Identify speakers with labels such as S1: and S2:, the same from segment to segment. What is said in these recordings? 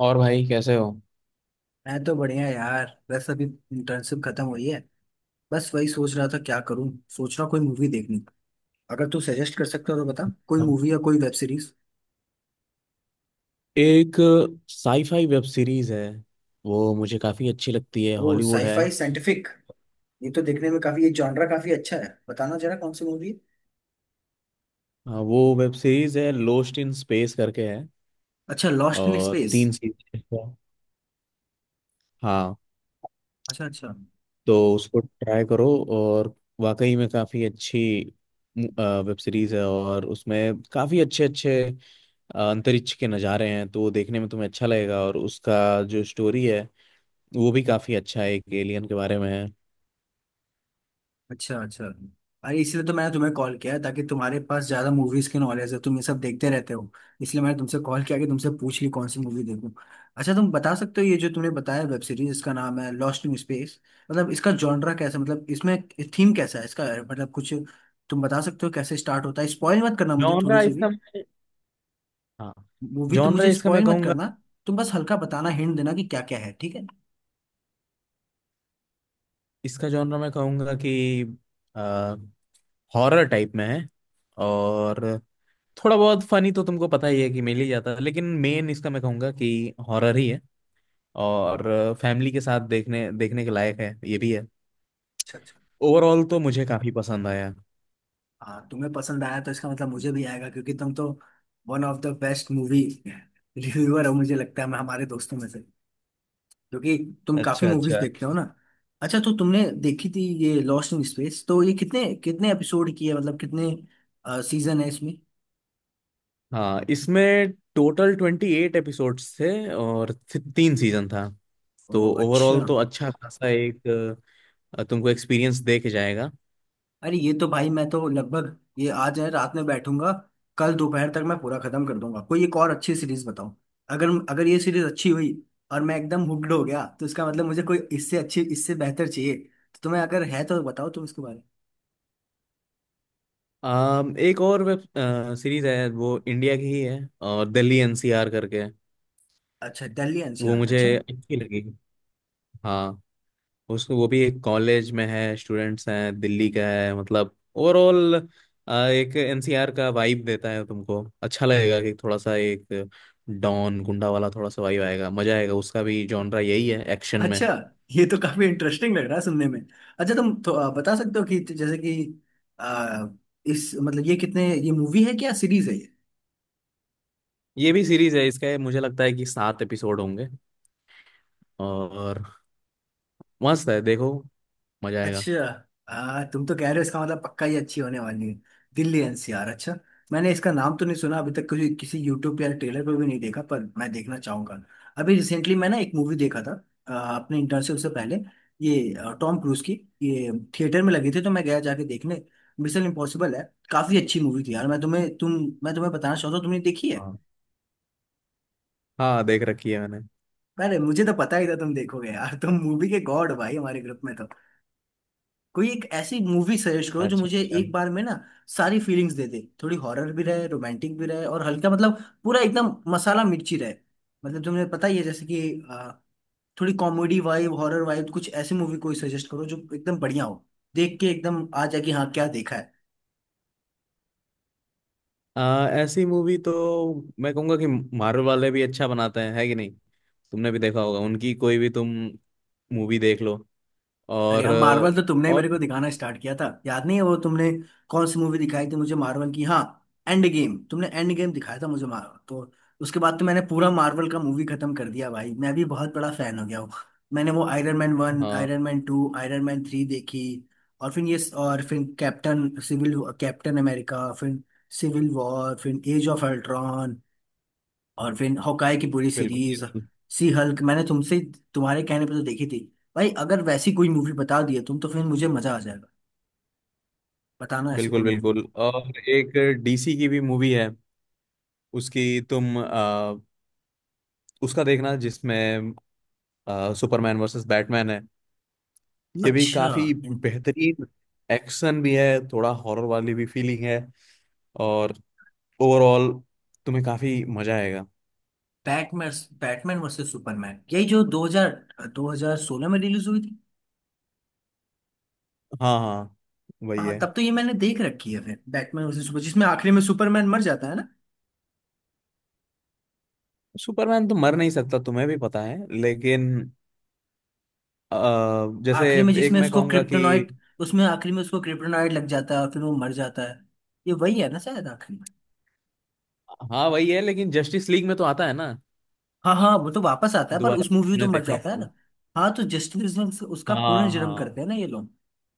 S1: और भाई कैसे हो।
S2: मैं तो बढ़िया यार। बस अभी इंटर्नशिप खत्म हुई है। बस वही सोच रहा था क्या करूं, सोच रहा कोई मूवी देखने को। अगर तू सजेस्ट कर सकता हो तो बता कोई मूवी या कोई वेब सीरीज।
S1: एक साईफाई वेब सीरीज है, वो मुझे काफ़ी अच्छी लगती है,
S2: ओ
S1: हॉलीवुड है।
S2: साईफाई साइंटिफिक, ये तो देखने में काफी ये जॉनरा काफी अच्छा है, बताना जरा कौन सी मूवी है।
S1: हाँ, वो वेब सीरीज है, लोस्ट इन स्पेस करके है।
S2: अच्छा लॉस्ट इन
S1: और
S2: स्पेस।
S1: तीन सीजन। हाँ।
S2: अच्छा अच्छा।
S1: तो उसको ट्राई करो, और वाकई में काफ़ी अच्छी वेब सीरीज है। और उसमें काफ़ी अच्छे अच्छे अंतरिक्ष के नज़ारे हैं, तो वो देखने में तुम्हें अच्छा लगेगा। और उसका जो स्टोरी है वो भी काफ़ी अच्छा है, एक एलियन के बारे में है।
S2: अच्छा अच्छा। अरे इसलिए तो मैंने तुम्हें कॉल किया है ताकि तुम्हारे पास ज्यादा मूवीज की नॉलेज है, तुम ये सब देखते रहते हो। इसलिए मैंने तुमसे कॉल किया कि तुमसे पूछ ली कौन सी मूवी देखूं। अच्छा तुम बता सकते हो, ये जो तुमने बताया वेब सीरीज, इसका नाम है लॉस्ट इन स्पेस। मतलब इसका जॉनरा कैसा, मतलब इसमें थीम कैसा है, इसका मतलब कुछ तुम बता सकते हो कैसे स्टार्ट होता है। स्पॉइल मत करना मुझे
S1: जॉनरा
S2: थोड़ी सी
S1: इसका,
S2: भी
S1: हाँ,
S2: मूवी, तो
S1: जॉनरा
S2: मुझे
S1: इसका मैं
S2: स्पॉइल मत
S1: कहूँगा,
S2: करना। तुम बस हल्का बताना, हिंट देना कि क्या क्या है, ठीक है।
S1: इसका जॉनरा मैं कहूँगा कि हॉरर टाइप में है। और थोड़ा बहुत फनी तो तुमको पता ही है कि मिल ही जाता है, लेकिन मेन इसका मैं कहूँगा कि हॉरर ही है। और फैमिली के साथ देखने देखने के लायक है ये भी है।
S2: अच्छा अच्छा।
S1: ओवरऑल तो मुझे काफी पसंद आया।
S2: हाँ तुम्हें पसंद आया तो इसका मतलब मुझे भी आएगा, क्योंकि तुम तो one of the best movie reviewer हो, मुझे लगता है, मैं हमारे दोस्तों में से, क्योंकि तुम काफी
S1: अच्छा
S2: मूवीज
S1: अच्छा।
S2: देखते हो ना। अच्छा तो तुमने देखी थी ये लॉस्ट इन स्पेस, तो ये कितने कितने एपिसोड की है, मतलब कितने सीजन है इसमें।
S1: हाँ, इसमें टोटल 28 एपिसोड्स थे, और तीन सीजन था। तो
S2: ओ अच्छा।
S1: ओवरऑल तो अच्छा खासा एक तुमको एक्सपीरियंस दे के जाएगा।
S2: अरे ये तो भाई मैं तो लगभग ये आज है रात में बैठूंगा, कल दोपहर तक मैं पूरा खत्म कर दूंगा। कोई एक और अच्छी सीरीज बताओ। अगर अगर ये सीरीज अच्छी हुई और मैं एकदम हुक्ड हो गया, तो इसका मतलब मुझे कोई इससे अच्छी, इससे बेहतर चाहिए। तो तुम्हें अगर है तो बताओ तुम इसके बारे में।
S1: एक और वेब सीरीज है, वो इंडिया की ही है। और दिल्ली एनसीआर करके
S2: अच्छा दिल्ली
S1: वो
S2: एनसीआर
S1: मुझे
S2: अच्छा।
S1: अच्छी लगी। हाँ, उसको, वो भी एक कॉलेज में है, स्टूडेंट्स हैं, दिल्ली का है, मतलब ओवरऑल एक एनसीआर का वाइब देता है। तुमको अच्छा लगेगा कि थोड़ा सा एक डॉन गुंडा वाला थोड़ा सा वाइब आएगा, मजा आएगा। उसका भी जॉनरा यही है, एक्शन में।
S2: अच्छा ये तो काफी इंटरेस्टिंग लग रहा है सुनने में। अच्छा तुम तो बता सकते हो कि जैसे कि अ, इस मतलब ये कितने ये मूवी है क्या सीरीज है।
S1: ये भी सीरीज है, इसका मुझे लगता है कि सात एपिसोड होंगे। और मस्त है, देखो, मजा आएगा।
S2: अच्छा, तुम तो कह रहे हो, इसका मतलब पक्का ही अच्छी होने वाली है। दिल्ली एनसीआर अच्छा। मैंने इसका नाम तो नहीं सुना अभी तक, किसी किसी यूट्यूब या ट्रेलर पर भी नहीं देखा, पर मैं देखना चाहूंगा। अभी रिसेंटली मैं ना एक मूवी देखा था, अपने इंटर्नशिप से पहले। ये टॉम क्रूज की ये थिएटर में लगी थी तो मैं गया जाके देखने। मिशन इम्पॉसिबल है। काफी अच्छी मूवी थी यार। मैं तुम्हें तुम मैं तुम्हें बताना चाहता हूँ तुमने देखी है।
S1: हाँ, हाँ, देख रखी है मैंने।
S2: अरे मुझे तो पता ही था तुम देखोगे यार। तुम मूवी के गॉड हो भाई हमारे ग्रुप में तो। कोई एक ऐसी मूवी सजेस्ट करो जो
S1: अच्छा
S2: मुझे
S1: अच्छा।
S2: एक बार में ना सारी फीलिंग्स दे दे। थोड़ी हॉरर भी रहे, रोमांटिक भी रहे, और हल्का मतलब पूरा एकदम मसाला मिर्ची रहे। मतलब तुम्हें पता ही है जैसे कि थोड़ी कॉमेडी वाइब, हॉरर वाइब, कुछ ऐसी मूवी कोई सजेस्ट करो जो एकदम बढ़िया हो। देख के एकदम आ जाए कि हाँ क्या देखा है।
S1: ऐसी मूवी तो मैं कहूंगा कि मार्वल वाले भी अच्छा बनाते हैं, है कि नहीं। तुमने भी देखा होगा, उनकी कोई भी तुम मूवी देख लो।
S2: अरे
S1: और
S2: यार मार्वल तो तुमने ही मेरे
S1: और
S2: को दिखाना स्टार्ट किया था, याद नहीं है वो तुमने कौन सी मूवी दिखाई थी मुझे मार्वल की, हाँ। एंड गेम, तुमने एंड गेम दिखाया था मुझे मार्वल तो। उसके बाद तो मैंने पूरा मार्वल का मूवी खत्म कर दिया भाई, मैं भी बहुत बड़ा फैन हो गया हूँ। मैंने वो आयरन मैन वन,
S1: हाँ।
S2: Iron Man two, Iron Man three देखी, और फिर ये, और फिर कैप्टन सिविल, कैप्टन अमेरिका, फिर सिविल वॉर, फिर एज ऑफ अल्ट्रॉन, और फिर हॉकाई की पूरी
S1: बिल्कुल
S2: सीरीज,
S1: बिल्कुल।
S2: सी हल्क मैंने तुमसे, तुम्हारे कहने पे तो देखी थी। भाई अगर वैसी कोई मूवी बता दिए तुम, तो फिर मुझे मजा आ जाएगा। बताना ऐसी
S1: बिल्कुल
S2: कोई मूवी।
S1: बिल्कुल और एक डीसी की भी मूवी है, उसकी तुम, उसका देखना, जिसमें सुपरमैन वर्सेस बैटमैन है। ये भी
S2: अच्छा।
S1: काफी बेहतरीन, एक्शन भी है, थोड़ा हॉरर वाली भी फीलिंग है, और ओवरऑल तुम्हें काफी मजा आएगा।
S2: बैटमैन बैटमैन वर्सेस सुपरमैन, यही जो 2000 2016 में रिलीज हुई थी।
S1: हाँ हाँ, वही
S2: हाँ
S1: है।
S2: तब तो ये मैंने देख रखी है। फिर बैटमैन वर्सेस सुपर, जिसमें आखिरी में सुपरमैन मर जाता है ना।
S1: सुपरमैन तो मर नहीं सकता, तुम्हें भी पता है, लेकिन अ, जैसे,
S2: आखिरी में
S1: एक
S2: जिसमें
S1: मैं
S2: उसको
S1: कहूंगा कि,
S2: क्रिप्टोनाइट, उसमें आखिरी में उसको क्रिप्टोनाइट लग जाता है और फिर वो मर जाता है। ये वही है ना शायद आखिरी।
S1: हाँ वही है, लेकिन जस्टिस लीग में तो आता है ना,
S2: हाँ हाँ, वो तो वापस आता है पर
S1: दोबारा
S2: उस मूवी में तो
S1: तुमने
S2: मर
S1: देखा
S2: जाता है
S1: होगा।
S2: ना। हाँ तो जस्टिस उसका
S1: हाँ
S2: पुनर्जन्म
S1: हाँ,
S2: करते हैं ना ये लोग,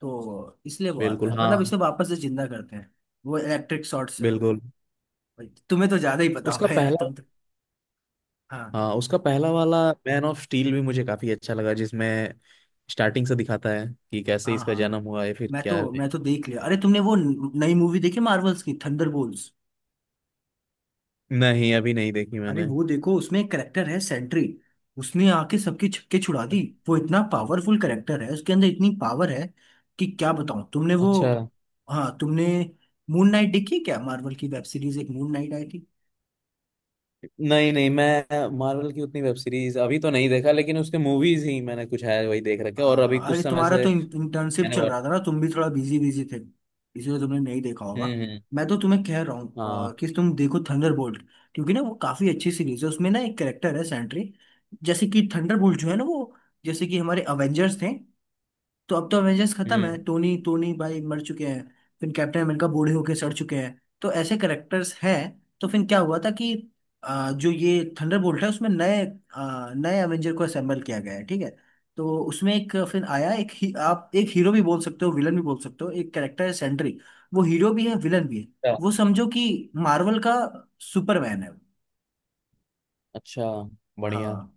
S2: तो इसलिए वो आता
S1: बिल्कुल
S2: है, मतलब
S1: हाँ,
S2: इसे वापस से जिंदा करते हैं। वो इलेक्ट्रिक शॉर्ट से।
S1: बिल्कुल।
S2: भाई, तुम्हें तो ज्यादा ही पता
S1: उसका
S2: होगा यार,
S1: पहला,
S2: तुम तो। हाँ
S1: हाँ उसका पहला वाला मैन ऑफ स्टील भी मुझे काफी अच्छा लगा, जिसमें स्टार्टिंग से दिखाता है कि कैसे
S2: हाँ
S1: इसका
S2: हाँ।
S1: जन्म हुआ है फिर
S2: मैं
S1: क्या
S2: तो
S1: है।
S2: मैं तो देख लिया। अरे तुमने वो नई मूवी देखी मार्वल्स की, थंडरबोल्ट्स।
S1: नहीं अभी नहीं देखी
S2: अरे
S1: मैंने।
S2: वो देखो, उसमें एक करेक्टर है सेंट्री। उसने आके सबके छक्के छुड़ा दी। वो इतना पावरफुल करेक्टर है, उसके अंदर इतनी पावर है कि क्या बताऊं। तुमने वो,
S1: अच्छा।
S2: हाँ तुमने मून नाइट देखी है क्या, मार्वल की वेब सीरीज एक मून नाइट आई थी।
S1: नहीं नहीं, मैं मार्वल की उतनी वेब सीरीज अभी तो नहीं देखा, लेकिन उसके मूवीज ही मैंने कुछ है वही देख रखे हैं। और अभी कुछ
S2: अरे
S1: समय
S2: तुम्हारा
S1: से
S2: तो इंटर्नशिप
S1: मैंने,
S2: चल
S1: और
S2: रहा था ना, तुम भी थोड़ा बिजी बिजी थे, इसलिए तुमने नहीं देखा होगा।
S1: हम्म।
S2: मैं तो तुम्हें कह रहा हूँ
S1: हाँ।
S2: कि तुम देखो थंडरबोल्ट, क्योंकि ना वो काफी अच्छी सीरीज है। उसमें ना एक करेक्टर है सेंट्री। जैसे कि थंडरबोल्ट जो है ना वो, जैसे कि हमारे अवेंजर्स थे, तो अब तो अवेंजर्स खत्म
S1: हम्म।
S2: है। टोनी टोनी भाई मर चुके हैं, फिर कैप्टन अमेरिका बूढ़े होके सड़ चुके हैं, तो ऐसे करेक्टर्स हैं। तो फिर क्या हुआ था कि जो ये थंडरबोल्ट है उसमें नए नए एवेंजर को असेंबल किया गया है, ठीक है। तो उसमें एक फिर आया एक ही, आप एक हीरो भी बोल सकते हो विलन भी बोल सकते हो, एक कैरेक्टर है सेंट्री। वो हीरो भी है विलन भी है।
S1: अच्छा,
S2: वो समझो कि मार्वल का सुपरमैन है वो।
S1: अच्छा, बढ़िया।
S2: हाँ,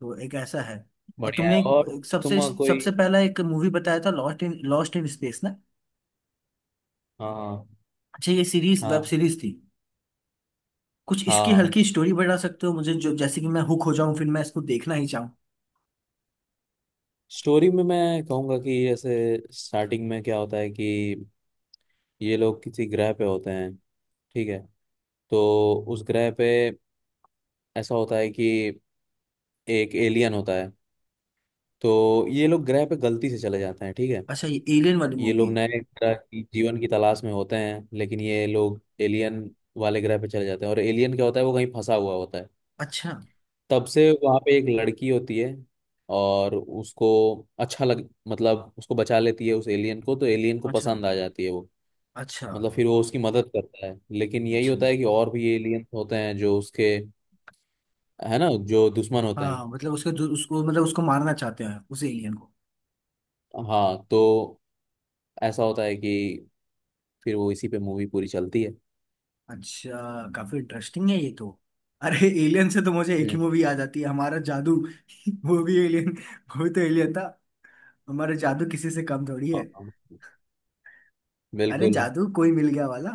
S2: तो एक ऐसा है। और
S1: बढ़िया है।
S2: तुमने एक,
S1: और
S2: एक सबसे
S1: तुम कोई,
S2: सबसे पहला एक मूवी बताया था, लॉस्ट इन स्पेस ना।
S1: हाँ।
S2: अच्छा ये सीरीज, वेब
S1: हाँ।
S2: सीरीज थी। कुछ इसकी
S1: हाँ,
S2: हल्की स्टोरी बता सकते हो मुझे, जो जैसे कि मैं हुक हो जाऊं, फिर मैं इसको देखना ही चाहूँ।
S1: स्टोरी में मैं कहूँगा कि, जैसे स्टार्टिंग में क्या होता है कि ये लोग किसी ग्रह पे होते हैं, ठीक है। तो उस ग्रह पे ऐसा होता है कि एक एलियन होता है। तो ये लोग ग्रह पे गलती से चले जाते हैं, ठीक है।
S2: अच्छा ये एलियन वाली
S1: ये
S2: मूवी
S1: लोग
S2: है।
S1: नए तरह की जीवन की तलाश में होते हैं, लेकिन ये लोग एलियन वाले ग्रह पे चले जाते हैं, और एलियन क्या होता है वो कहीं फंसा हुआ होता है।
S2: अच्छा
S1: तब से वहाँ पे एक लड़की होती है, और उसको अच्छा लग, मतलब उसको बचा लेती है उस एलियन को, तो एलियन को
S2: अच्छा।
S1: पसंद आ जाती है वो।
S2: अच्छा
S1: मतलब फिर वो उसकी मदद करता है, लेकिन यही
S2: अच्छा।
S1: होता
S2: अच्छा।
S1: है कि और भी एलियन होते हैं जो उसके, है ना, जो दुश्मन होते हैं।
S2: हाँ मतलब उसके उसको, मतलब उसको मारना चाहते हैं उस एलियन को।
S1: हाँ, तो ऐसा होता है कि फिर वो इसी पे मूवी पूरी चलती है।
S2: अच्छा। काफी इंटरेस्टिंग है ये तो। अरे एलियन से तो मुझे एक
S1: हम्म।
S2: ही मूवी आ जाती है, हमारा जादू। वो भी एलियन, वो भी तो एलियन था। हमारा जादू किसी से कम थोड़ी
S1: हाँ,
S2: है।
S1: हाँ,
S2: अरे
S1: बिल्कुल।
S2: जादू कोई मिल गया वाला।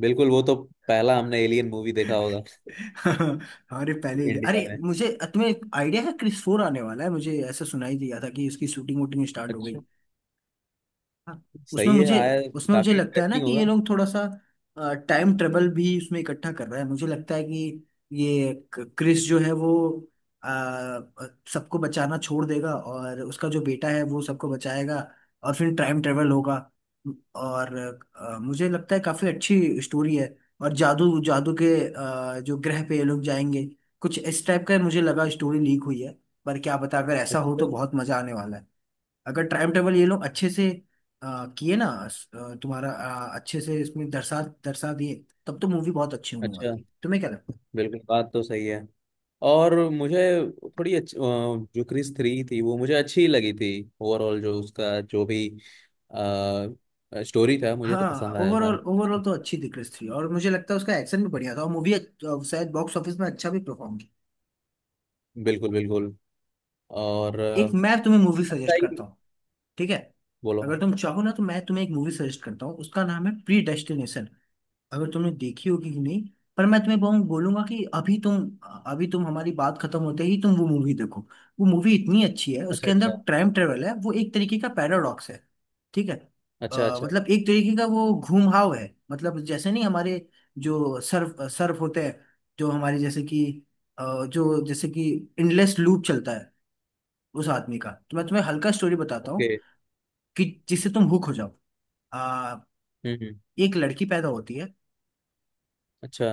S1: बिल्कुल वो तो पहला हमने एलियन मूवी देखा होगा
S2: हाँ।
S1: इंडिया
S2: अरे
S1: में।
S2: मुझे, तुम्हें आइडिया है क्रिस फोर आने वाला है, मुझे ऐसा सुनाई दिया था कि इसकी शूटिंग वूटिंग स्टार्ट हो
S1: अच्छा।
S2: गई। हाँ, उसमें
S1: सही है,
S2: मुझे
S1: आया।
S2: उसमें मुझे
S1: काफी
S2: लगता है ना
S1: इंटरेस्टिंग
S2: कि ये
S1: होगा।
S2: लोग थोड़ा सा टाइम ट्रेवल भी उसमें इकट्ठा कर रहा है, मुझे लगता है कि ये क्रिस जो है वो, अ, सबको बचाना छोड़ देगा और उसका जो बेटा है वो सबको बचाएगा, और फिर टाइम ट्रेवल होगा। और मुझे लगता है काफी अच्छी स्टोरी है। और जादू जादू के जो ग्रह पे ये लोग जाएंगे, कुछ इस टाइप का मुझे लगा स्टोरी लीक हुई है। पर क्या बता, अगर ऐसा हो
S1: अच्छा
S2: तो बहुत मजा आने वाला है। अगर टाइम टेबल ये लोग अच्छे से किए ना, तुम्हारा अच्छे से इसमें दर्शा दर्शा दिए, तब तो मूवी बहुत अच्छी होने
S1: अच्छा।
S2: वाली है। तुम्हें क्या लगता है।
S1: बिल्कुल, बात तो सही है। और मुझे थोड़ी अच्छी, जो क्रिस थ्री थी वो मुझे अच्छी लगी थी। ओवरऑल जो उसका जो भी स्टोरी था मुझे तो
S2: हाँ
S1: पसंद आया था।
S2: ओवरऑल ओवरऑल तो अच्छी दिख रही थी और मुझे लगता है उसका एक्शन भी बढ़िया था, और मूवी शायद बॉक्स ऑफिस में अच्छा भी परफॉर्म की।
S1: बिल्कुल बिल्कुल। और
S2: एक मैं तुम्हें मूवी
S1: अच्छा
S2: सजेस्ट
S1: ही।
S2: करता हूँ, ठीक है।
S1: बोलो।
S2: अगर तुम चाहो ना तो मैं तुम्हें एक मूवी सजेस्ट करता हूँ, उसका नाम है प्री डेस्टिनेशन। अगर तुमने देखी होगी कि नहीं, पर मैं तुम्हें बहुत बोलूंगा कि अभी तुम हमारी बात खत्म होते ही तुम वो मूवी देखो। वो मूवी इतनी अच्छी है,
S1: अच्छा
S2: उसके अंदर
S1: अच्छा।
S2: टाइम ट्रेवल है, वो एक तरीके का पैराडॉक्स है, ठीक है।
S1: अच्छा अच्छा।
S2: मतलब एक तरीके का वो घूमहाव है, मतलब जैसे नहीं हमारे जो सर्फ सर्फ होते हैं, जो हमारे जैसे कि जो जैसे कि इनलेस लूप चलता है उस आदमी का, तो मैं तुम्हें हल्का स्टोरी बताता
S1: ओके।
S2: हूँ कि जिससे तुम हुक हो जाओ। अ,
S1: हम्म।
S2: एक लड़की पैदा होती है,
S1: अच्छा।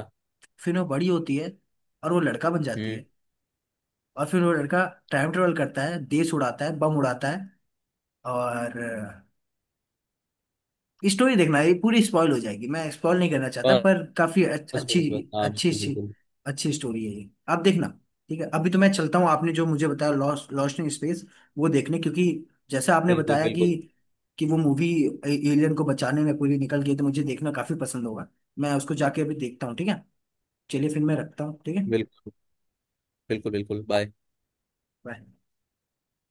S2: फिर वो बड़ी होती है और वो लड़का बन जाती
S1: हम्म।
S2: है, और फिर वो लड़का टाइम ट्रेवल करता है, देश उड़ाता है, बम उड़ाता है, और स्टोरी देखना। ये पूरी स्पॉइल हो जाएगी, मैं स्पॉइल नहीं करना चाहता,
S1: बस,
S2: पर काफी
S1: बस
S2: अच्छी
S1: बस, हाँ
S2: अच्छी
S1: बिल्कुल
S2: अच्छी
S1: बिल्कुल।
S2: अच्छी स्टोरी है ये, आप देखना। ठीक है, अभी तो मैं चलता हूँ, आपने जो मुझे बताया लॉस्ट लॉस्ट इन स्पेस वो देखने, क्योंकि जैसा आपने
S1: बिल्कुल
S2: बताया
S1: बिल्कुल।
S2: कि वो मूवी एलियन को बचाने में पूरी निकल गई, तो मुझे देखना काफी पसंद होगा। मैं उसको जाके अभी देखता हूँ, ठीक है। चलिए फिर मैं रखता हूँ, ठीक है।
S1: बिल्कुल बिल्कुल। बिल्कुल बाय।
S2: Bye.